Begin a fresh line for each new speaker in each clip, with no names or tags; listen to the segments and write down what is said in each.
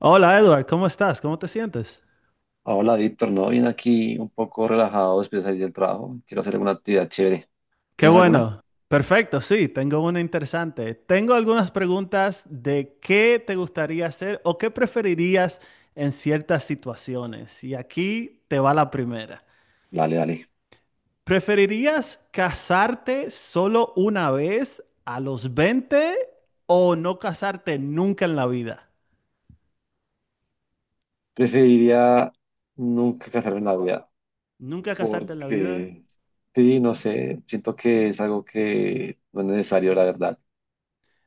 Hola Edward, ¿cómo estás? ¿Cómo te sientes?
Hola, Víctor. No, vine aquí un poco relajado después de salir del trabajo. Quiero hacer alguna actividad chévere.
Qué
¿Tienes alguna?
bueno. Perfecto, sí, tengo una interesante. Tengo algunas preguntas de qué te gustaría hacer o qué preferirías en ciertas situaciones. Y aquí te va la primera.
Dale, dale.
¿Preferirías casarte solo una vez a los 20 o no casarte nunca en la vida?
Preferiría nunca casarme en la vida,
¿Nunca casarte en la vida?
porque sí, no sé, siento que es algo que no es necesario, la verdad.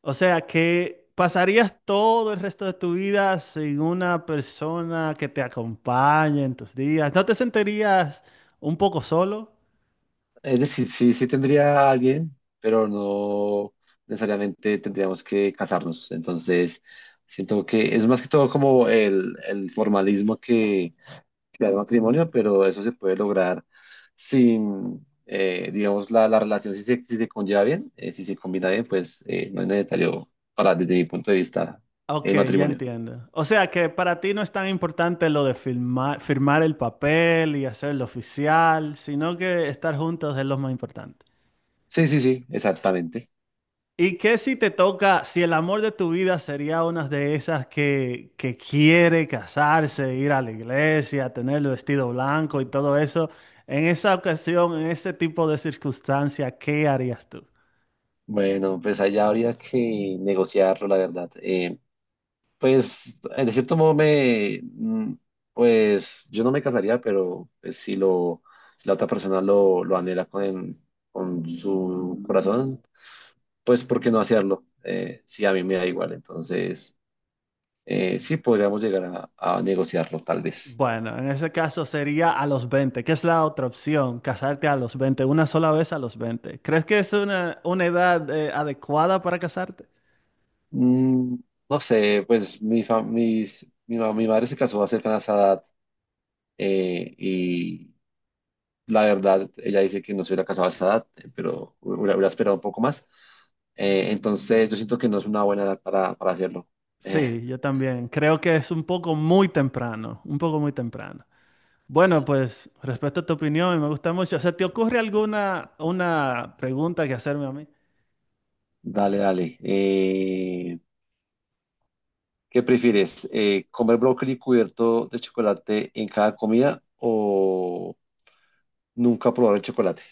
O sea que pasarías todo el resto de tu vida sin una persona que te acompañe en tus días. ¿No te sentirías un poco solo?
Es decir, sí, sí tendría a alguien, pero no necesariamente tendríamos que casarnos. Entonces, siento que es más que todo como el formalismo que crear matrimonio, pero eso se puede lograr sin, digamos, la relación, si se conlleva bien, si se combina bien, pues no es necesario, desde mi punto de vista,
Ok,
el
ya
matrimonio.
entiendo. O sea que para ti no es tan importante lo de firmar, firmar el papel y hacerlo oficial, sino que estar juntos es lo más importante.
Sí, sí, sí, exactamente.
¿Y qué si te toca, si el amor de tu vida sería una de esas que quiere casarse, ir a la iglesia, tener el vestido blanco y todo eso? En esa ocasión, en ese tipo de circunstancia, ¿qué harías tú?
Bueno, pues allá habría que negociarlo, la verdad. Pues, de cierto modo, pues, yo no me casaría, pero pues, si la otra persona lo anhela con su corazón, pues ¿por qué no hacerlo? Sí, a mí me da igual, entonces sí podríamos llegar a negociarlo tal vez.
Bueno, en ese caso sería a los 20, que es la otra opción, casarte a los 20, una sola vez a los 20. ¿Crees que es una edad adecuada para casarte?
Mm, no sé, pues mi, fa- mis- mi, ma- mi madre se casó a cercana a esa edad, y la verdad, ella dice que no se hubiera casado a esa edad, pero hubiera esperado un poco más. Entonces yo siento que no es una buena edad para hacerlo. Eh,
Sí, yo también. Creo que es un poco muy temprano, un poco muy temprano. Bueno, pues respecto a tu opinión, me gusta mucho. O sea, ¿te ocurre alguna una pregunta que hacerme a mí?
dale, dale. ¿Qué prefieres? ¿Comer brócoli cubierto de chocolate en cada comida o nunca probar el chocolate?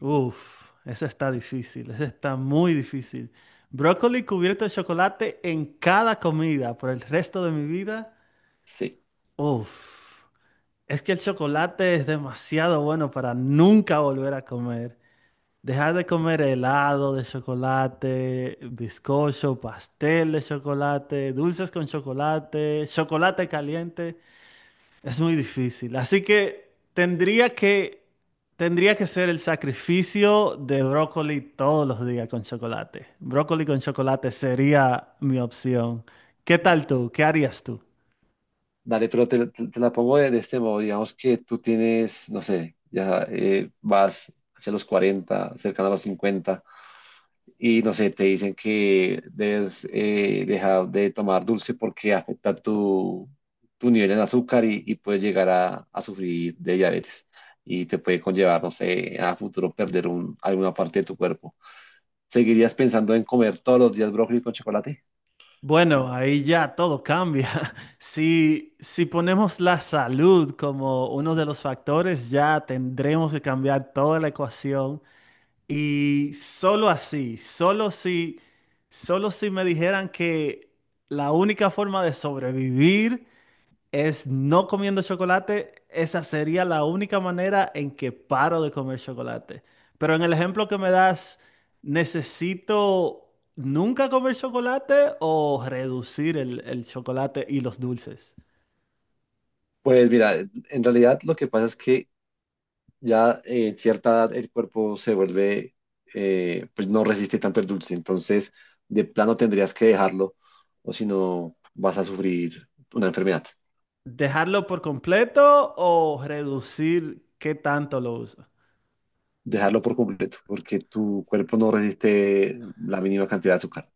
Uf, esa está difícil, esa está muy difícil. ¿Brócoli cubierto de chocolate en cada comida por el resto de mi vida?
Sí.
Uf, es que el chocolate es demasiado bueno para nunca volver a comer. Dejar de comer helado de chocolate, bizcocho, pastel de chocolate, dulces con chocolate, chocolate caliente. Es muy difícil. Así que tendría que ser el sacrificio de brócoli todos los días con chocolate. Brócoli con chocolate sería mi opción. ¿Qué tal tú? ¿Qué harías tú?
Dale, pero te la pongo de este modo. Digamos que tú tienes, no sé, ya vas hacia los 40, cercano a los 50, y no sé, te dicen que debes dejar de tomar dulce porque afecta tu nivel en azúcar y puedes llegar a sufrir de diabetes. Y te puede conllevar, no sé, a futuro perder alguna parte de tu cuerpo. ¿Seguirías pensando en comer todos los días brócoli con chocolate?
Bueno, ahí ya todo cambia. Si ponemos la salud como uno de los factores, ya tendremos que cambiar toda la ecuación. Y solo si me dijeran que la única forma de sobrevivir es no comiendo chocolate, esa sería la única manera en que paro de comer chocolate. Pero en el ejemplo que me das, ¿necesito nunca comer chocolate o reducir el chocolate y los dulces?
Pues mira, en realidad lo que pasa es que ya en cierta edad el cuerpo se vuelve, pues no resiste tanto el dulce, entonces de plano tendrías que dejarlo o si no vas a sufrir una enfermedad.
¿Dejarlo por completo o reducir qué tanto lo uso?
Dejarlo por completo, porque tu cuerpo no resiste la mínima cantidad de azúcar.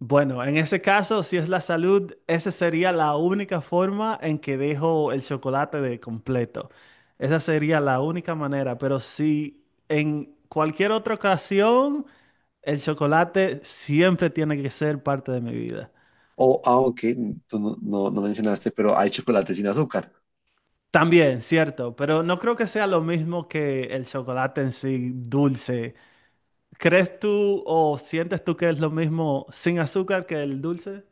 Bueno, en ese caso, si es la salud, esa sería la única forma en que dejo el chocolate de completo. Esa sería la única manera, pero si en cualquier otra ocasión, el chocolate siempre tiene que ser parte de mi vida.
O, aunque tú no, no, no mencionaste, pero hay chocolate sin azúcar.
También, cierto, pero no creo que sea lo mismo que el chocolate en sí dulce. ¿Crees tú o sientes tú que es lo mismo sin azúcar que el dulce?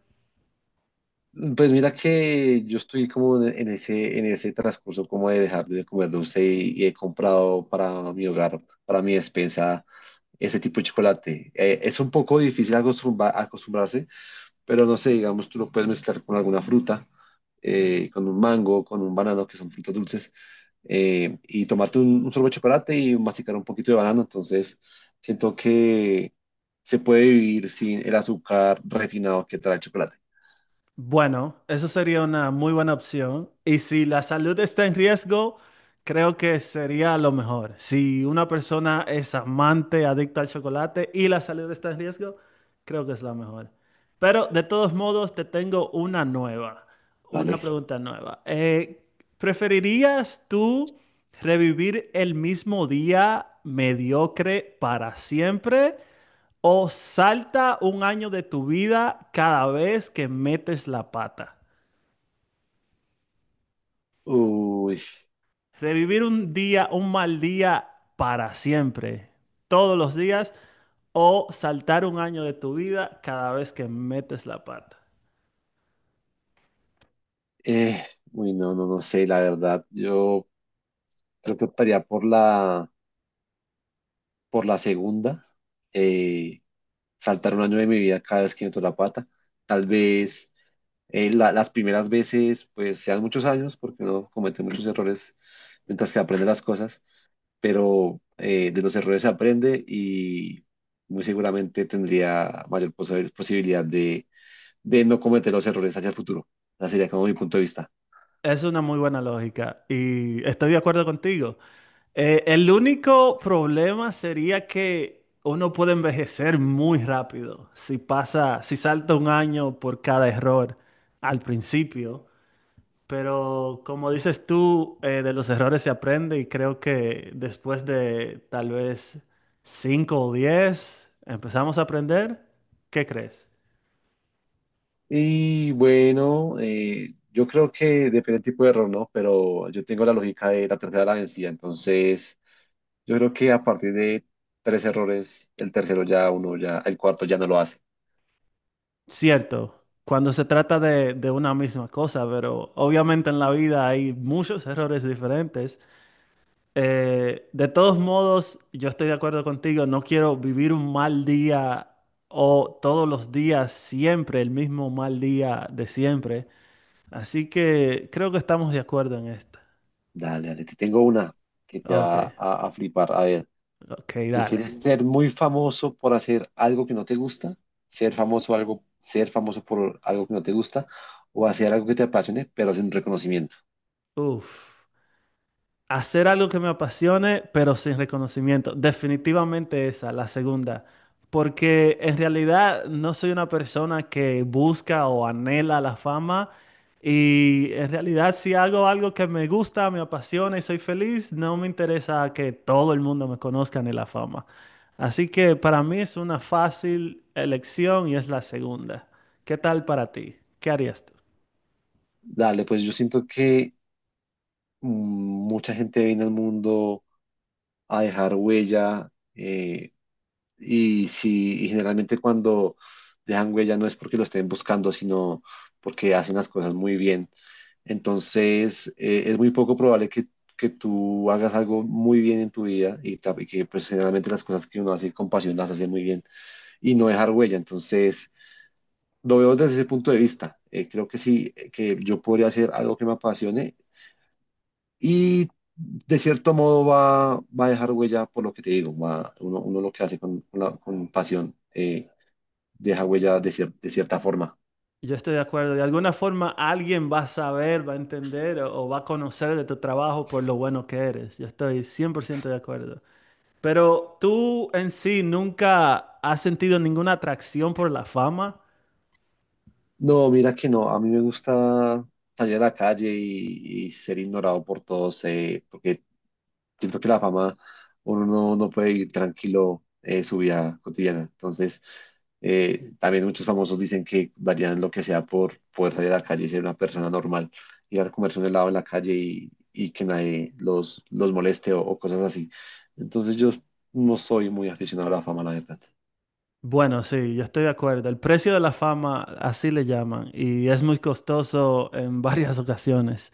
Pues mira que yo estoy como en ese transcurso como de dejar de comer dulce y he comprado para mi hogar, para mi despensa ese tipo de chocolate. Es un poco difícil acostumbrarse, pero no sé, digamos, tú lo puedes mezclar con alguna fruta, con un mango, con un banano, que son frutas dulces, y tomarte un sorbo de chocolate y masticar un poquito de banano. Entonces, siento que se puede vivir sin el azúcar refinado que trae el chocolate.
Bueno, eso sería una muy buena opción. Y si la salud está en riesgo, creo que sería lo mejor. Si una persona es amante, adicta al chocolate y la salud está en riesgo, creo que es la mejor. Pero de todos modos, te tengo una
Dale.
pregunta nueva. ¿Preferirías tú revivir el mismo día mediocre para siempre? O salta un año de tu vida cada vez que metes la pata.
Uy,
Revivir un mal día para siempre, todos los días. O saltar un año de tu vida cada vez que metes la pata.
eh, uy, no, no, no sé, la verdad. Yo creo que optaría por la segunda. Eh, saltar un año de mi vida cada vez que meto la pata. Tal vez las primeras veces pues sean muchos años porque uno comete muchos errores mientras que aprende las cosas, pero de los errores se aprende y muy seguramente tendría mayor posibilidad de no cometer los errores hacia el futuro. Ese sería como mi punto de vista.
Es una muy buena lógica y estoy de acuerdo contigo. El único problema sería que uno puede envejecer muy rápido si si salta un año por cada error al principio. Pero como dices tú, de los errores se aprende y creo que después de tal vez 5 o 10 empezamos a aprender. ¿Qué crees?
Y bueno, yo creo que depende del tipo de error, ¿no? Pero yo tengo la lógica de la tercera de la vencida, entonces. Yo creo que a partir de tres errores, el tercero ya uno ya, el cuarto ya no lo hace.
Cierto, cuando se trata de una misma cosa, pero obviamente en la vida hay muchos errores diferentes. De todos modos, yo estoy de acuerdo contigo, no quiero vivir un mal día o todos los días siempre el mismo mal día de siempre. Así que creo que estamos de acuerdo en esta.
Dale, dale, te tengo una que te
Ok,
va a flipar. A ver,
ok, dale.
¿prefieres ser muy famoso por hacer algo que no te gusta? Ser famoso por algo que no te gusta o hacer algo que te apasione, pero sin reconocimiento.
Uf. Hacer algo que me apasione, pero sin reconocimiento. Definitivamente esa, la segunda. Porque en realidad no soy una persona que busca o anhela la fama. Y en realidad si hago algo que me gusta, me apasiona y soy feliz, no me interesa que todo el mundo me conozca ni la fama. Así que para mí es una fácil elección y es la segunda. ¿Qué tal para ti? ¿Qué harías tú?
Dale, pues yo siento que mucha gente viene al mundo a dejar huella, Y si y generalmente cuando dejan huella no es porque lo estén buscando, sino porque hacen las cosas muy bien. Entonces, es muy poco probable que tú hagas algo muy bien en tu vida y que pues, generalmente las cosas que uno hace con pasión las hace muy bien y no dejar huella. Entonces, lo veo desde ese punto de vista. Creo que sí, que yo podría hacer algo que me apasione y de cierto modo va a dejar huella por lo que te digo, uno lo que hace con pasión. Deja huella de cierta forma.
Yo estoy de acuerdo. De alguna forma alguien va a saber, va a entender o va a conocer de tu trabajo por lo bueno que eres. Yo estoy 100% de acuerdo. Pero tú en sí nunca has sentido ninguna atracción por la fama.
No, mira que no, a mí me gusta salir a la calle y ser ignorado por todos, porque siento que la fama uno no, no puede ir tranquilo su vida cotidiana. Entonces, también muchos famosos dicen que darían lo que sea por poder salir a la calle y ser una persona normal, ir a comerse un helado en la calle y que nadie los moleste o cosas así. Entonces, yo no soy muy aficionado a la fama, la verdad.
Bueno, sí, yo estoy de acuerdo. El precio de la fama, así le llaman, y es muy costoso en varias ocasiones.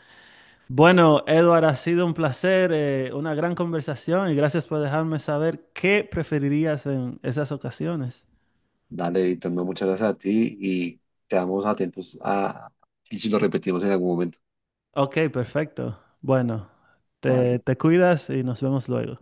Bueno, Edward, ha sido un placer, una gran conversación y gracias por dejarme saber qué preferirías en esas ocasiones.
Dale, Víctor, no, muchas gracias a ti y quedamos atentos a y si lo repetimos en algún momento.
Ok, perfecto. Bueno, te,
Vale.
te cuidas y nos vemos luego.